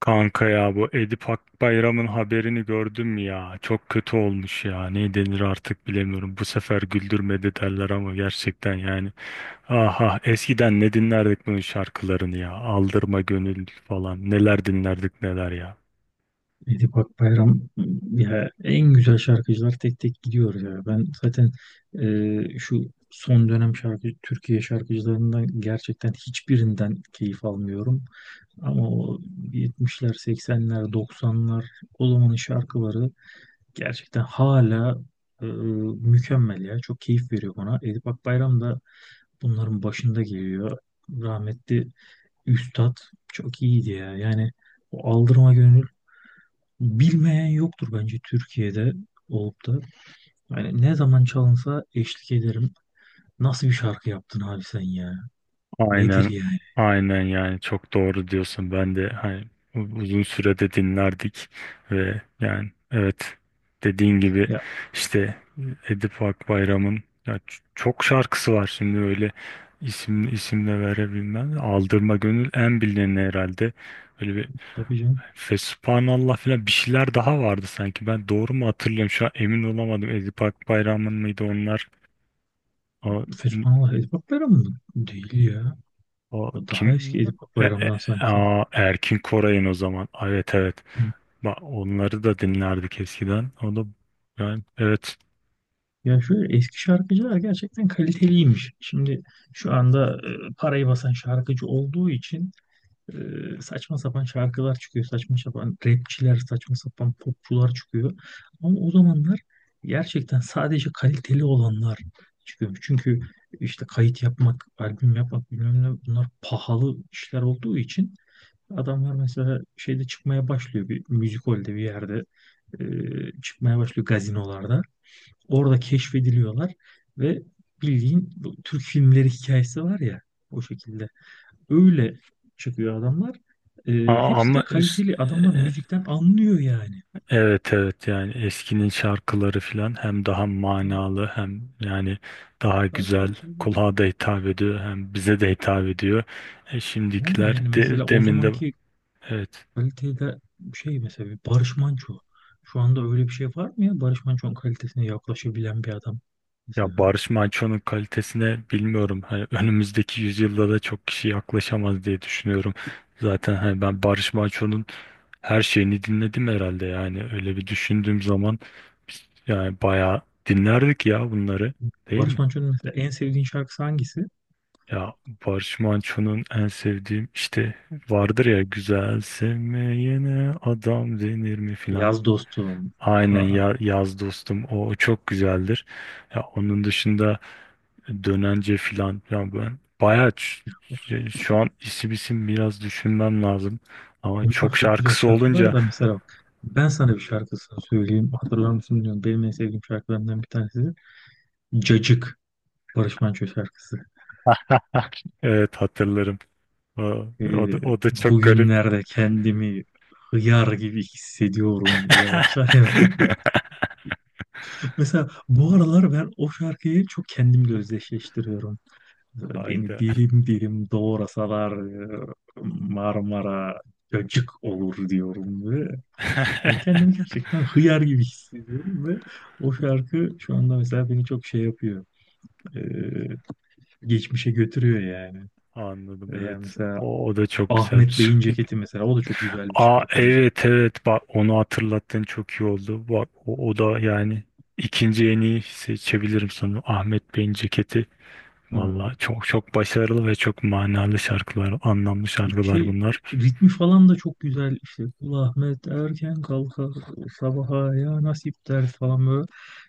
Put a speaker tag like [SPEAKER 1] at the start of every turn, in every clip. [SPEAKER 1] Kanka ya bu Edip Akbayram'ın haberini gördün mü ya? Çok kötü olmuş ya. Ne denir artık bilemiyorum. Bu sefer güldürmedi derler ama gerçekten yani. Aha eskiden ne dinlerdik bunun şarkılarını ya. Aldırma gönül falan. Neler dinlerdik neler ya.
[SPEAKER 2] Edip Akbayram, ya en güzel şarkıcılar tek tek gidiyor ya. Ben zaten şu son dönem Türkiye şarkıcılarından gerçekten hiçbirinden keyif almıyorum. Ama o 70'ler, 80'ler, 90'lar o zamanın şarkıları gerçekten hala mükemmel ya. Çok keyif veriyor bana. Edip Akbayram da bunların başında geliyor. Rahmetli üstad çok iyiydi ya. Yani o Aldırma Gönül, bilmeyen yoktur bence Türkiye'de olup da. Yani ne zaman çalınsa eşlik ederim. Nasıl bir şarkı yaptın abi sen ya? Nedir
[SPEAKER 1] Aynen,
[SPEAKER 2] yani?
[SPEAKER 1] aynen, yani çok doğru diyorsun. Ben de hani uzun sürede dinlerdik ve yani evet dediğin gibi
[SPEAKER 2] Ya,
[SPEAKER 1] işte Edip Akbayram'ın ya çok şarkısı var şimdi öyle isim isimle verebilmem. Aldırma Gönül en bilineni herhalde. Öyle bir
[SPEAKER 2] tabii canım.
[SPEAKER 1] Fesubhanallah falan bir şeyler daha vardı sanki. Ben doğru mu hatırlıyorum? Şu an emin olamadım. Edip Akbayram'ın mıydı onlar?
[SPEAKER 2] Fethullah Edip Akbayram mı? Değil ya.
[SPEAKER 1] O
[SPEAKER 2] O daha eski
[SPEAKER 1] kim?
[SPEAKER 2] Edip
[SPEAKER 1] E, e-
[SPEAKER 2] Akbayram'dan sanki.
[SPEAKER 1] Erkin Koray'ın o zaman. Aa, evet evet.
[SPEAKER 2] Ha.
[SPEAKER 1] Bak onları da dinlerdik eskiden. O da yani evet.
[SPEAKER 2] Ya şöyle eski şarkıcılar gerçekten kaliteliymiş. Şimdi şu anda parayı basan şarkıcı olduğu için saçma sapan şarkılar çıkıyor. Saçma sapan rapçiler, saçma sapan popçular çıkıyor. Ama o zamanlar gerçekten sadece kaliteli olanlar çıkıyormuş. Çünkü işte kayıt yapmak, albüm yapmak bilmem ne, bunlar pahalı işler olduğu için adamlar mesela şeyde çıkmaya başlıyor, bir müzik holde bir yerde, çıkmaya başlıyor gazinolarda. Orada keşfediliyorlar ve bildiğin bu Türk filmleri hikayesi var ya, o şekilde öyle çıkıyor adamlar.
[SPEAKER 1] Aa,
[SPEAKER 2] Hepsi
[SPEAKER 1] ama
[SPEAKER 2] de
[SPEAKER 1] es-
[SPEAKER 2] kaliteli adamlar,
[SPEAKER 1] e,
[SPEAKER 2] müzikten anlıyor yani.
[SPEAKER 1] evet evet yani eskinin şarkıları filan hem daha manalı hem yani daha güzel
[SPEAKER 2] Tabii, tabii.
[SPEAKER 1] kulağa da hitap ediyor hem bize de hitap ediyor.
[SPEAKER 2] Aynen,
[SPEAKER 1] Şimdikiler
[SPEAKER 2] yani mesela
[SPEAKER 1] de,
[SPEAKER 2] o
[SPEAKER 1] demin de
[SPEAKER 2] zamanki
[SPEAKER 1] evet.
[SPEAKER 2] kalitede şey, mesela bir Barış Manço. Şu anda öyle bir şey var mı ya? Barış Manço'nun kalitesine yaklaşabilen bir adam.
[SPEAKER 1] Ya
[SPEAKER 2] Mesela
[SPEAKER 1] Barış Manço'nun kalitesine bilmiyorum. Hani önümüzdeki yüzyılda da çok kişi yaklaşamaz diye düşünüyorum. Zaten hani ben Barış Manço'nun her şeyini dinledim herhalde yani öyle bir düşündüğüm zaman biz yani bayağı dinlerdik ya bunları, değil mi?
[SPEAKER 2] Barış Manço'nun mesela en sevdiğin şarkısı hangisi?
[SPEAKER 1] Ya Barış Manço'nun en sevdiğim işte vardır ya güzel sevmeyene adam denir mi filan.
[SPEAKER 2] Yaz dostum.
[SPEAKER 1] Aynen
[SPEAKER 2] Aa,
[SPEAKER 1] yaz dostum o çok güzeldir. Ya onun dışında dönence filan ya ben bayağı şu an isim isim biraz düşünmem lazım. Ama
[SPEAKER 2] bunlar
[SPEAKER 1] çok
[SPEAKER 2] çok güzel
[SPEAKER 1] şarkısı
[SPEAKER 2] şarkılar
[SPEAKER 1] olunca
[SPEAKER 2] da mesela bak, ben sana bir şarkısını söyleyeyim. Hatırlar mısın bilmiyorum. Benim en sevdiğim şarkılarından bir tanesi de Cacık. Barış Manço şarkısı.
[SPEAKER 1] evet hatırlarım. O, o
[SPEAKER 2] Ee,
[SPEAKER 1] da, o da çok garip.
[SPEAKER 2] bugünlerde kendimi hıyar gibi hissediyorum diye başlar ya. Mesela bu aralar ben o şarkıyı çok kendimle özdeşleştiriyorum. Mesela beni
[SPEAKER 1] Hayda.
[SPEAKER 2] dilim dilim doğrasalar e, Marmara cacık olur diyorum ve yani kendimi gerçekten hıyar gibi hissediyorum ve o şarkı şu anda mesela beni çok şey yapıyor. Ee, geçmişe götürüyor yani.
[SPEAKER 1] Anladım
[SPEAKER 2] Veya
[SPEAKER 1] evet.
[SPEAKER 2] mesela
[SPEAKER 1] O da çok
[SPEAKER 2] Ahmet
[SPEAKER 1] güzelmiş.
[SPEAKER 2] Bey'in ceketi, mesela o da çok güzel bir
[SPEAKER 1] Aa
[SPEAKER 2] şarkıdır.
[SPEAKER 1] evet evet bak onu hatırlattın çok iyi oldu. Bak o da yani ikinci en iyi seçebilirim sanırım. Ahmet Bey'in ceketi.
[SPEAKER 2] Hı.
[SPEAKER 1] Valla çok çok başarılı ve çok manalı şarkılar, anlamlı
[SPEAKER 2] Bir
[SPEAKER 1] şarkılar
[SPEAKER 2] şey,
[SPEAKER 1] bunlar.
[SPEAKER 2] ritmi falan da çok güzel, işte Kul Ahmet erken kalkar, sabaha ya nasip der falan böyle.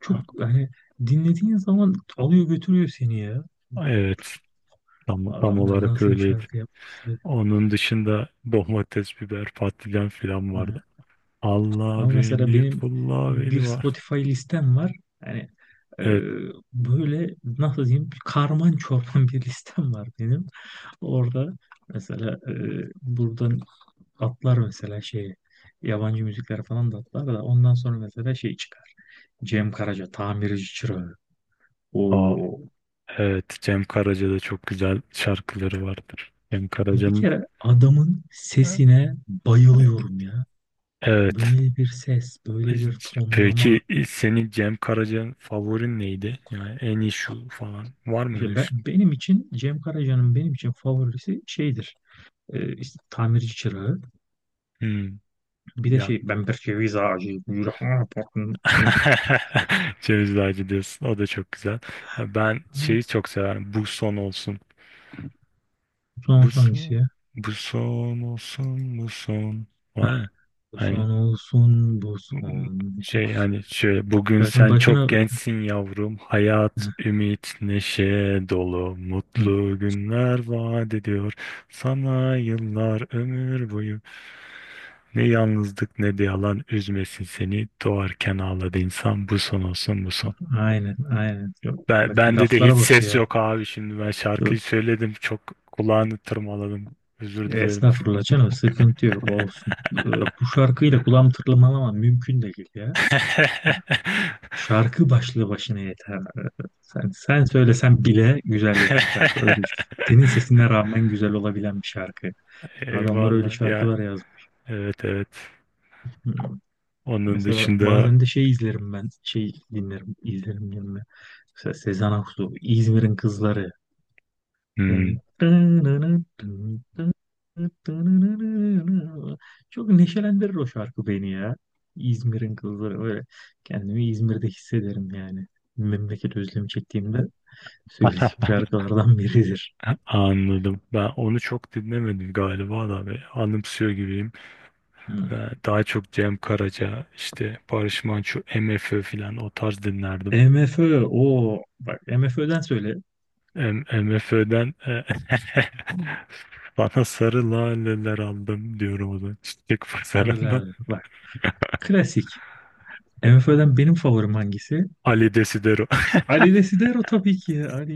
[SPEAKER 2] Çok
[SPEAKER 1] Ha,
[SPEAKER 2] hani dinlediğin zaman alıyor götürüyor seni ya.
[SPEAKER 1] evet tam
[SPEAKER 2] Adamlar
[SPEAKER 1] olarak
[SPEAKER 2] nasıl bir
[SPEAKER 1] öyleydi.
[SPEAKER 2] şarkı yapmışlar.
[SPEAKER 1] Onun dışında domates, biber, patlıcan filan vardı.
[SPEAKER 2] Ha.
[SPEAKER 1] Allah
[SPEAKER 2] Ama mesela
[SPEAKER 1] beni,
[SPEAKER 2] benim
[SPEAKER 1] pulla
[SPEAKER 2] bir
[SPEAKER 1] beni var.
[SPEAKER 2] Spotify listem var. Yani e,
[SPEAKER 1] Evet,
[SPEAKER 2] böyle nasıl diyeyim, karman çorman bir listem var benim. Orada mesela buradan atlar mesela şey, yabancı müzikler falan da atlar da ondan sonra mesela şey çıkar. Cem Karaca tamirci çırağı.
[SPEAKER 1] aa,
[SPEAKER 2] O,
[SPEAKER 1] evet Cem Karaca'da çok güzel şarkıları vardır. Cem
[SPEAKER 2] ya bir
[SPEAKER 1] Karaca'nın.
[SPEAKER 2] kere adamın sesine bayılıyorum ya.
[SPEAKER 1] Evet.
[SPEAKER 2] Böyle bir ses, böyle bir
[SPEAKER 1] Peki
[SPEAKER 2] tonlama.
[SPEAKER 1] senin Cem Karaca'nın favorin neydi? Yani en iyi şu falan. Var mı öyle
[SPEAKER 2] İşte
[SPEAKER 1] bir
[SPEAKER 2] ben,
[SPEAKER 1] şey?
[SPEAKER 2] benim için, Cem Karaca'nın benim için favorisi şeydir. İşte tamirci çırağı.
[SPEAKER 1] Hmm,
[SPEAKER 2] Bir de
[SPEAKER 1] ya.
[SPEAKER 2] şey, ben bir ceviz ağacıyım, yüreğime bakın.
[SPEAKER 1] Ceviz Ağacı diyorsun. O da çok güzel. Ha, ben şeyi çok severim. Bu son olsun.
[SPEAKER 2] Son
[SPEAKER 1] Bu
[SPEAKER 2] son hangisi
[SPEAKER 1] son.
[SPEAKER 2] ya?
[SPEAKER 1] Bu son olsun. Bu son. Var ya.
[SPEAKER 2] Bu
[SPEAKER 1] Hani.
[SPEAKER 2] son olsun, bu son.
[SPEAKER 1] Şey yani şöyle bugün
[SPEAKER 2] Şarkının
[SPEAKER 1] sen çok
[SPEAKER 2] başına...
[SPEAKER 1] gençsin yavrum. Hayat,
[SPEAKER 2] Hı,
[SPEAKER 1] ümit, neşe dolu.
[SPEAKER 2] hı.
[SPEAKER 1] Mutlu günler vaat ediyor. Sana yıllar ömür boyu. Ne yalnızlık ne de yalan üzmesin seni. Doğarken ağladı insan. Bu son olsun bu son.
[SPEAKER 2] Aynen, aynen. Yok,
[SPEAKER 1] Ben,
[SPEAKER 2] bak
[SPEAKER 1] bende de hiç
[SPEAKER 2] laflara bak
[SPEAKER 1] ses
[SPEAKER 2] ya.
[SPEAKER 1] yok abi şimdi. Ben
[SPEAKER 2] Yok,
[SPEAKER 1] şarkıyı söyledim. Çok kulağını tırmaladım. Özür dilerim.
[SPEAKER 2] estağfurullah canım, sıkıntı yok, olsun. Bu şarkıyla kulağım tırmalamam mümkün değil ya. Ha, şarkı başlı başına yeter. Sen söylesen bile güzel yani şarkı. Öyle. Düşün. Senin sesine rağmen güzel olabilen bir şarkı. Adamlar öyle
[SPEAKER 1] Eyvallah ya.
[SPEAKER 2] şarkılar yazmış.
[SPEAKER 1] Evet evet.
[SPEAKER 2] Hmm.
[SPEAKER 1] Onun
[SPEAKER 2] Mesela
[SPEAKER 1] dışında
[SPEAKER 2] bazen de şey izlerim ben. Şey, dinlerim, izlerim yerine. Mesela Sezen Aksu, İzmir'in Kızları.
[SPEAKER 1] hmm,
[SPEAKER 2] Çok neşelendirir o şarkı beni ya. İzmir'in kızları böyle. Kendimi İzmir'de hissederim yani. Memleket özlemi çektiğimde söylediğim
[SPEAKER 1] heh,
[SPEAKER 2] şarkılardan biridir.
[SPEAKER 1] anladım. Ben onu çok dinlemedim galiba da ve anımsıyor gibiyim.
[SPEAKER 2] Hı.
[SPEAKER 1] Daha çok Cem Karaca, işte Barış Manço, MFÖ filan o tarz dinlerdim.
[SPEAKER 2] MFÖ, o bak MFÖ'den söyle.
[SPEAKER 1] M MFÖ'den bana sarı laleler aldım diyorum o da. Çiçek pazarından.
[SPEAKER 2] Sarılar bak, klasik. MFÖ'den benim favorim hangisi?
[SPEAKER 1] Ali Desidero.
[SPEAKER 2] Ali Desidero tabii ki. Ali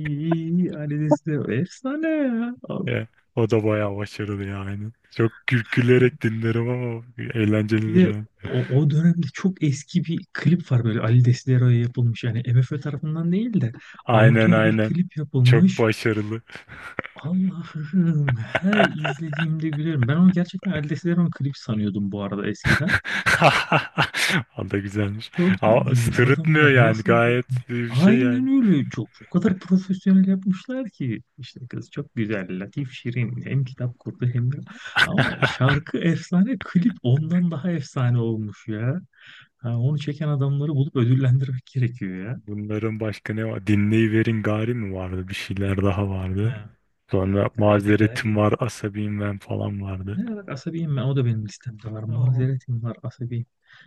[SPEAKER 2] Ali Desidero efsane ya.
[SPEAKER 1] Ya, o da bayağı başarılı yani. Çok gülerek dinlerim ama
[SPEAKER 2] Bir
[SPEAKER 1] eğlencelidir
[SPEAKER 2] de
[SPEAKER 1] yani.
[SPEAKER 2] o, o dönemde çok eski bir klip var böyle Ali Desidero'ya yapılmış. Yani MFÖ tarafından değil de
[SPEAKER 1] Aynen
[SPEAKER 2] amatör bir
[SPEAKER 1] aynen.
[SPEAKER 2] klip
[SPEAKER 1] Çok
[SPEAKER 2] yapılmış.
[SPEAKER 1] başarılı.
[SPEAKER 2] Allah'ım, her izlediğimde gülerim. Ben onu gerçekten Ali Desidero'nun klip sanıyordum bu arada eskiden.
[SPEAKER 1] O da güzelmiş.
[SPEAKER 2] Çok
[SPEAKER 1] Ama
[SPEAKER 2] ciddiyim,
[SPEAKER 1] sırıtmıyor
[SPEAKER 2] adamlar
[SPEAKER 1] yani
[SPEAKER 2] nasıl
[SPEAKER 1] gayet bir şey yani.
[SPEAKER 2] aynen öyle, çok o kadar profesyonel yapmışlar ki, işte kız çok güzel, latif, şirin, hem kitap kurdu hem de, ama şarkı efsane, klip ondan daha efsane olmuş ya. Ha, onu çeken adamları bulup ödüllendirmek gerekiyor ya.
[SPEAKER 1] Bunların başka ne var? Dinleyiverin gari mi vardı? Bir şeyler daha
[SPEAKER 2] Ha,
[SPEAKER 1] vardı. Sonra
[SPEAKER 2] gari de gari.
[SPEAKER 1] mazeretim var, asabiyim ben falan vardı.
[SPEAKER 2] Ne, bak asabiyim ben. O da benim listemde var.
[SPEAKER 1] O,
[SPEAKER 2] Mazeretim var, asabiyim.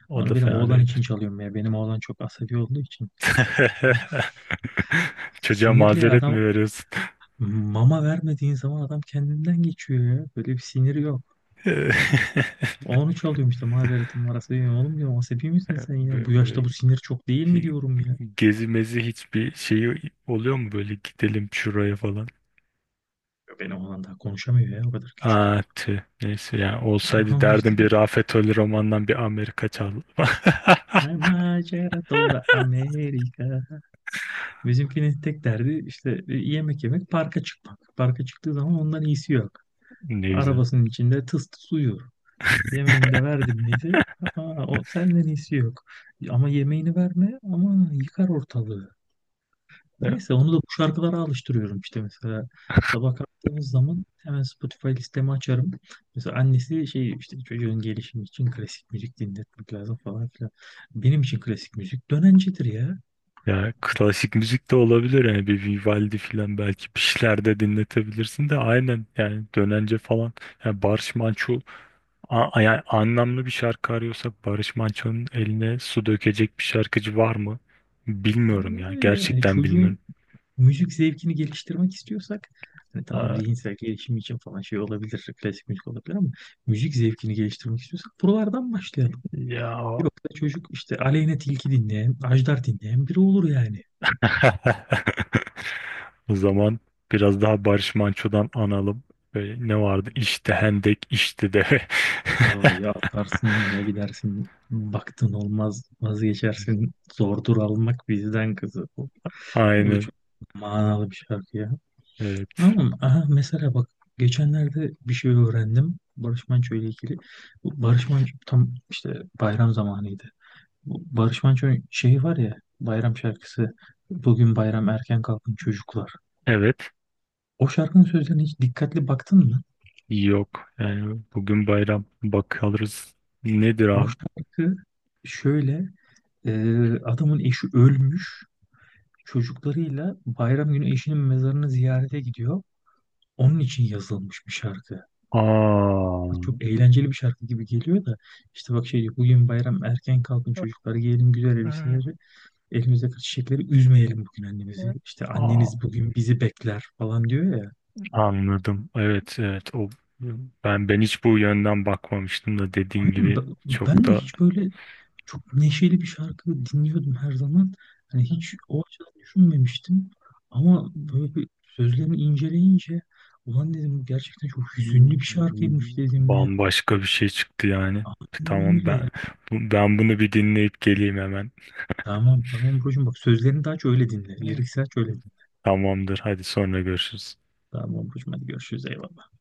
[SPEAKER 1] o
[SPEAKER 2] Onu
[SPEAKER 1] da
[SPEAKER 2] benim
[SPEAKER 1] fena
[SPEAKER 2] oğlan
[SPEAKER 1] değildi.
[SPEAKER 2] için çalıyorum ya. Benim oğlan çok asabi olduğu için. Ah.
[SPEAKER 1] Çocuğa
[SPEAKER 2] Sinirli ya
[SPEAKER 1] mazeret mi
[SPEAKER 2] adam,
[SPEAKER 1] veriyorsun?
[SPEAKER 2] mama vermediğin zaman adam kendinden geçiyor ya. Böyle bir siniri yok. Onu çalıyorum işte, mazeretim var, asabiyim. Oğlum diyorum, asabi misin sen ya? Bu
[SPEAKER 1] Böyle
[SPEAKER 2] yaşta bu sinir çok değil mi
[SPEAKER 1] hi-
[SPEAKER 2] diyorum ya.
[SPEAKER 1] gezi mezi hiçbir şeyi oluyor mu böyle gidelim şuraya falan?
[SPEAKER 2] Benim oğlan daha konuşamıyor ya, o kadar küçük.
[SPEAKER 1] Aa, tüh. Neyse yani olsaydı
[SPEAKER 2] Ama işte
[SPEAKER 1] derdim bir Rafet Ölü romandan bir Amerika çal.
[SPEAKER 2] macera dolu Amerika. Bizimkinin tek derdi işte yemek yemek, parka çıkmak. Parka çıktığı zaman ondan iyisi yok.
[SPEAKER 1] Ne güzel.
[SPEAKER 2] Arabasının içinde tıs tıs uyuyor. Yemeğini de verdim miydi? Aa, o senden iyisi yok. Ama yemeğini verme, ama yıkar ortalığı.
[SPEAKER 1] Ya,
[SPEAKER 2] Neyse, onu da bu şarkılara alıştırıyorum işte mesela. Sabah kalktığımız zaman hemen Spotify listemi açarım. Mesela annesi şey, işte çocuğun gelişimi için klasik müzik dinletmek lazım falan filan. Benim için klasik müzik dönencedir ya.
[SPEAKER 1] ya, klasik müzik de olabilir yani bir Vivaldi falan belki bir şeyler de dinletebilirsin de aynen yani dönence falan. Yani Barış Manço yani anlamlı bir şarkı arıyorsak Barış Manço'nun eline su dökecek bir şarkıcı var mı? Bilmiyorum
[SPEAKER 2] Aynen
[SPEAKER 1] ya
[SPEAKER 2] öyle. Yani
[SPEAKER 1] gerçekten
[SPEAKER 2] çocuğun
[SPEAKER 1] bilmiyorum.
[SPEAKER 2] müzik zevkini geliştirmek istiyorsak, hani tamam
[SPEAKER 1] Aa,
[SPEAKER 2] zihinsel gelişim için falan şey olabilir, klasik müzik olabilir, ama müzik zevkini geliştirmek istiyorsak buralardan başlayalım.
[SPEAKER 1] ya.
[SPEAKER 2] Yoksa çocuk işte Aleyna Tilki dinleyen, Ajdar dinleyen biri olur yani.
[SPEAKER 1] O zaman biraz daha Barış Manço'dan analım. Böyle ne vardı? İşte hendek, işte de.
[SPEAKER 2] Aa, ya atlarsın ya gidersin, baktın olmaz vazgeçersin, zordur almak bizden kızı. O, o da
[SPEAKER 1] Aynen.
[SPEAKER 2] çok manalı bir şarkı ya.
[SPEAKER 1] Evet.
[SPEAKER 2] Ama aha, mesela bak, geçenlerde bir şey öğrendim Barış Manço ile ilgili. Bu Barış Manço, tam işte bayram zamanıydı. Bu Barış Manço'nun şeyi var ya, bayram şarkısı, bugün bayram erken kalkın çocuklar.
[SPEAKER 1] Evet.
[SPEAKER 2] O şarkının sözlerine hiç dikkatli baktın mı?
[SPEAKER 1] Yok. Yani bugün bayram. Bakarız. Nedir
[SPEAKER 2] O
[SPEAKER 1] abi?
[SPEAKER 2] şarkı şöyle, e, adamın eşi ölmüş, çocuklarıyla bayram günü eşinin mezarını ziyarete gidiyor. Onun için yazılmış bir şarkı.
[SPEAKER 1] Aa.
[SPEAKER 2] Çok eğlenceli bir şarkı gibi geliyor da işte bak şey diyor, bugün bayram erken kalkın çocuklar, giyelim güzel elbiseleri, elimizdeki çiçekleri, üzmeyelim bugün annemizi. İşte
[SPEAKER 1] Aa.
[SPEAKER 2] anneniz bugün bizi bekler falan diyor ya.
[SPEAKER 1] Anladım. Evet, evet. O ben hiç bu yönden bakmamıştım da dediğin
[SPEAKER 2] Aynen,
[SPEAKER 1] gibi
[SPEAKER 2] ben,
[SPEAKER 1] çok
[SPEAKER 2] ben de
[SPEAKER 1] da
[SPEAKER 2] hiç böyle çok neşeli bir şarkı dinliyordum her zaman. Hani hiç o açıdan düşünmemiştim. Ama böyle bir sözlerini inceleyince ulan dedim, gerçekten çok hüzünlü bir şarkıymış dedim ya.
[SPEAKER 1] bambaşka bir şey çıktı yani.
[SPEAKER 2] Aynen
[SPEAKER 1] Tamam
[SPEAKER 2] öyle
[SPEAKER 1] ben
[SPEAKER 2] ya.
[SPEAKER 1] ben bunu bir dinleyip geleyim hemen.
[SPEAKER 2] Tamam tamam brocum, bak sözlerini de aç öyle dinle. Lirikse aç öyle dinle.
[SPEAKER 1] Tamamdır. Hadi sonra görüşürüz.
[SPEAKER 2] Tamam brocum, hadi görüşürüz, eyvallah.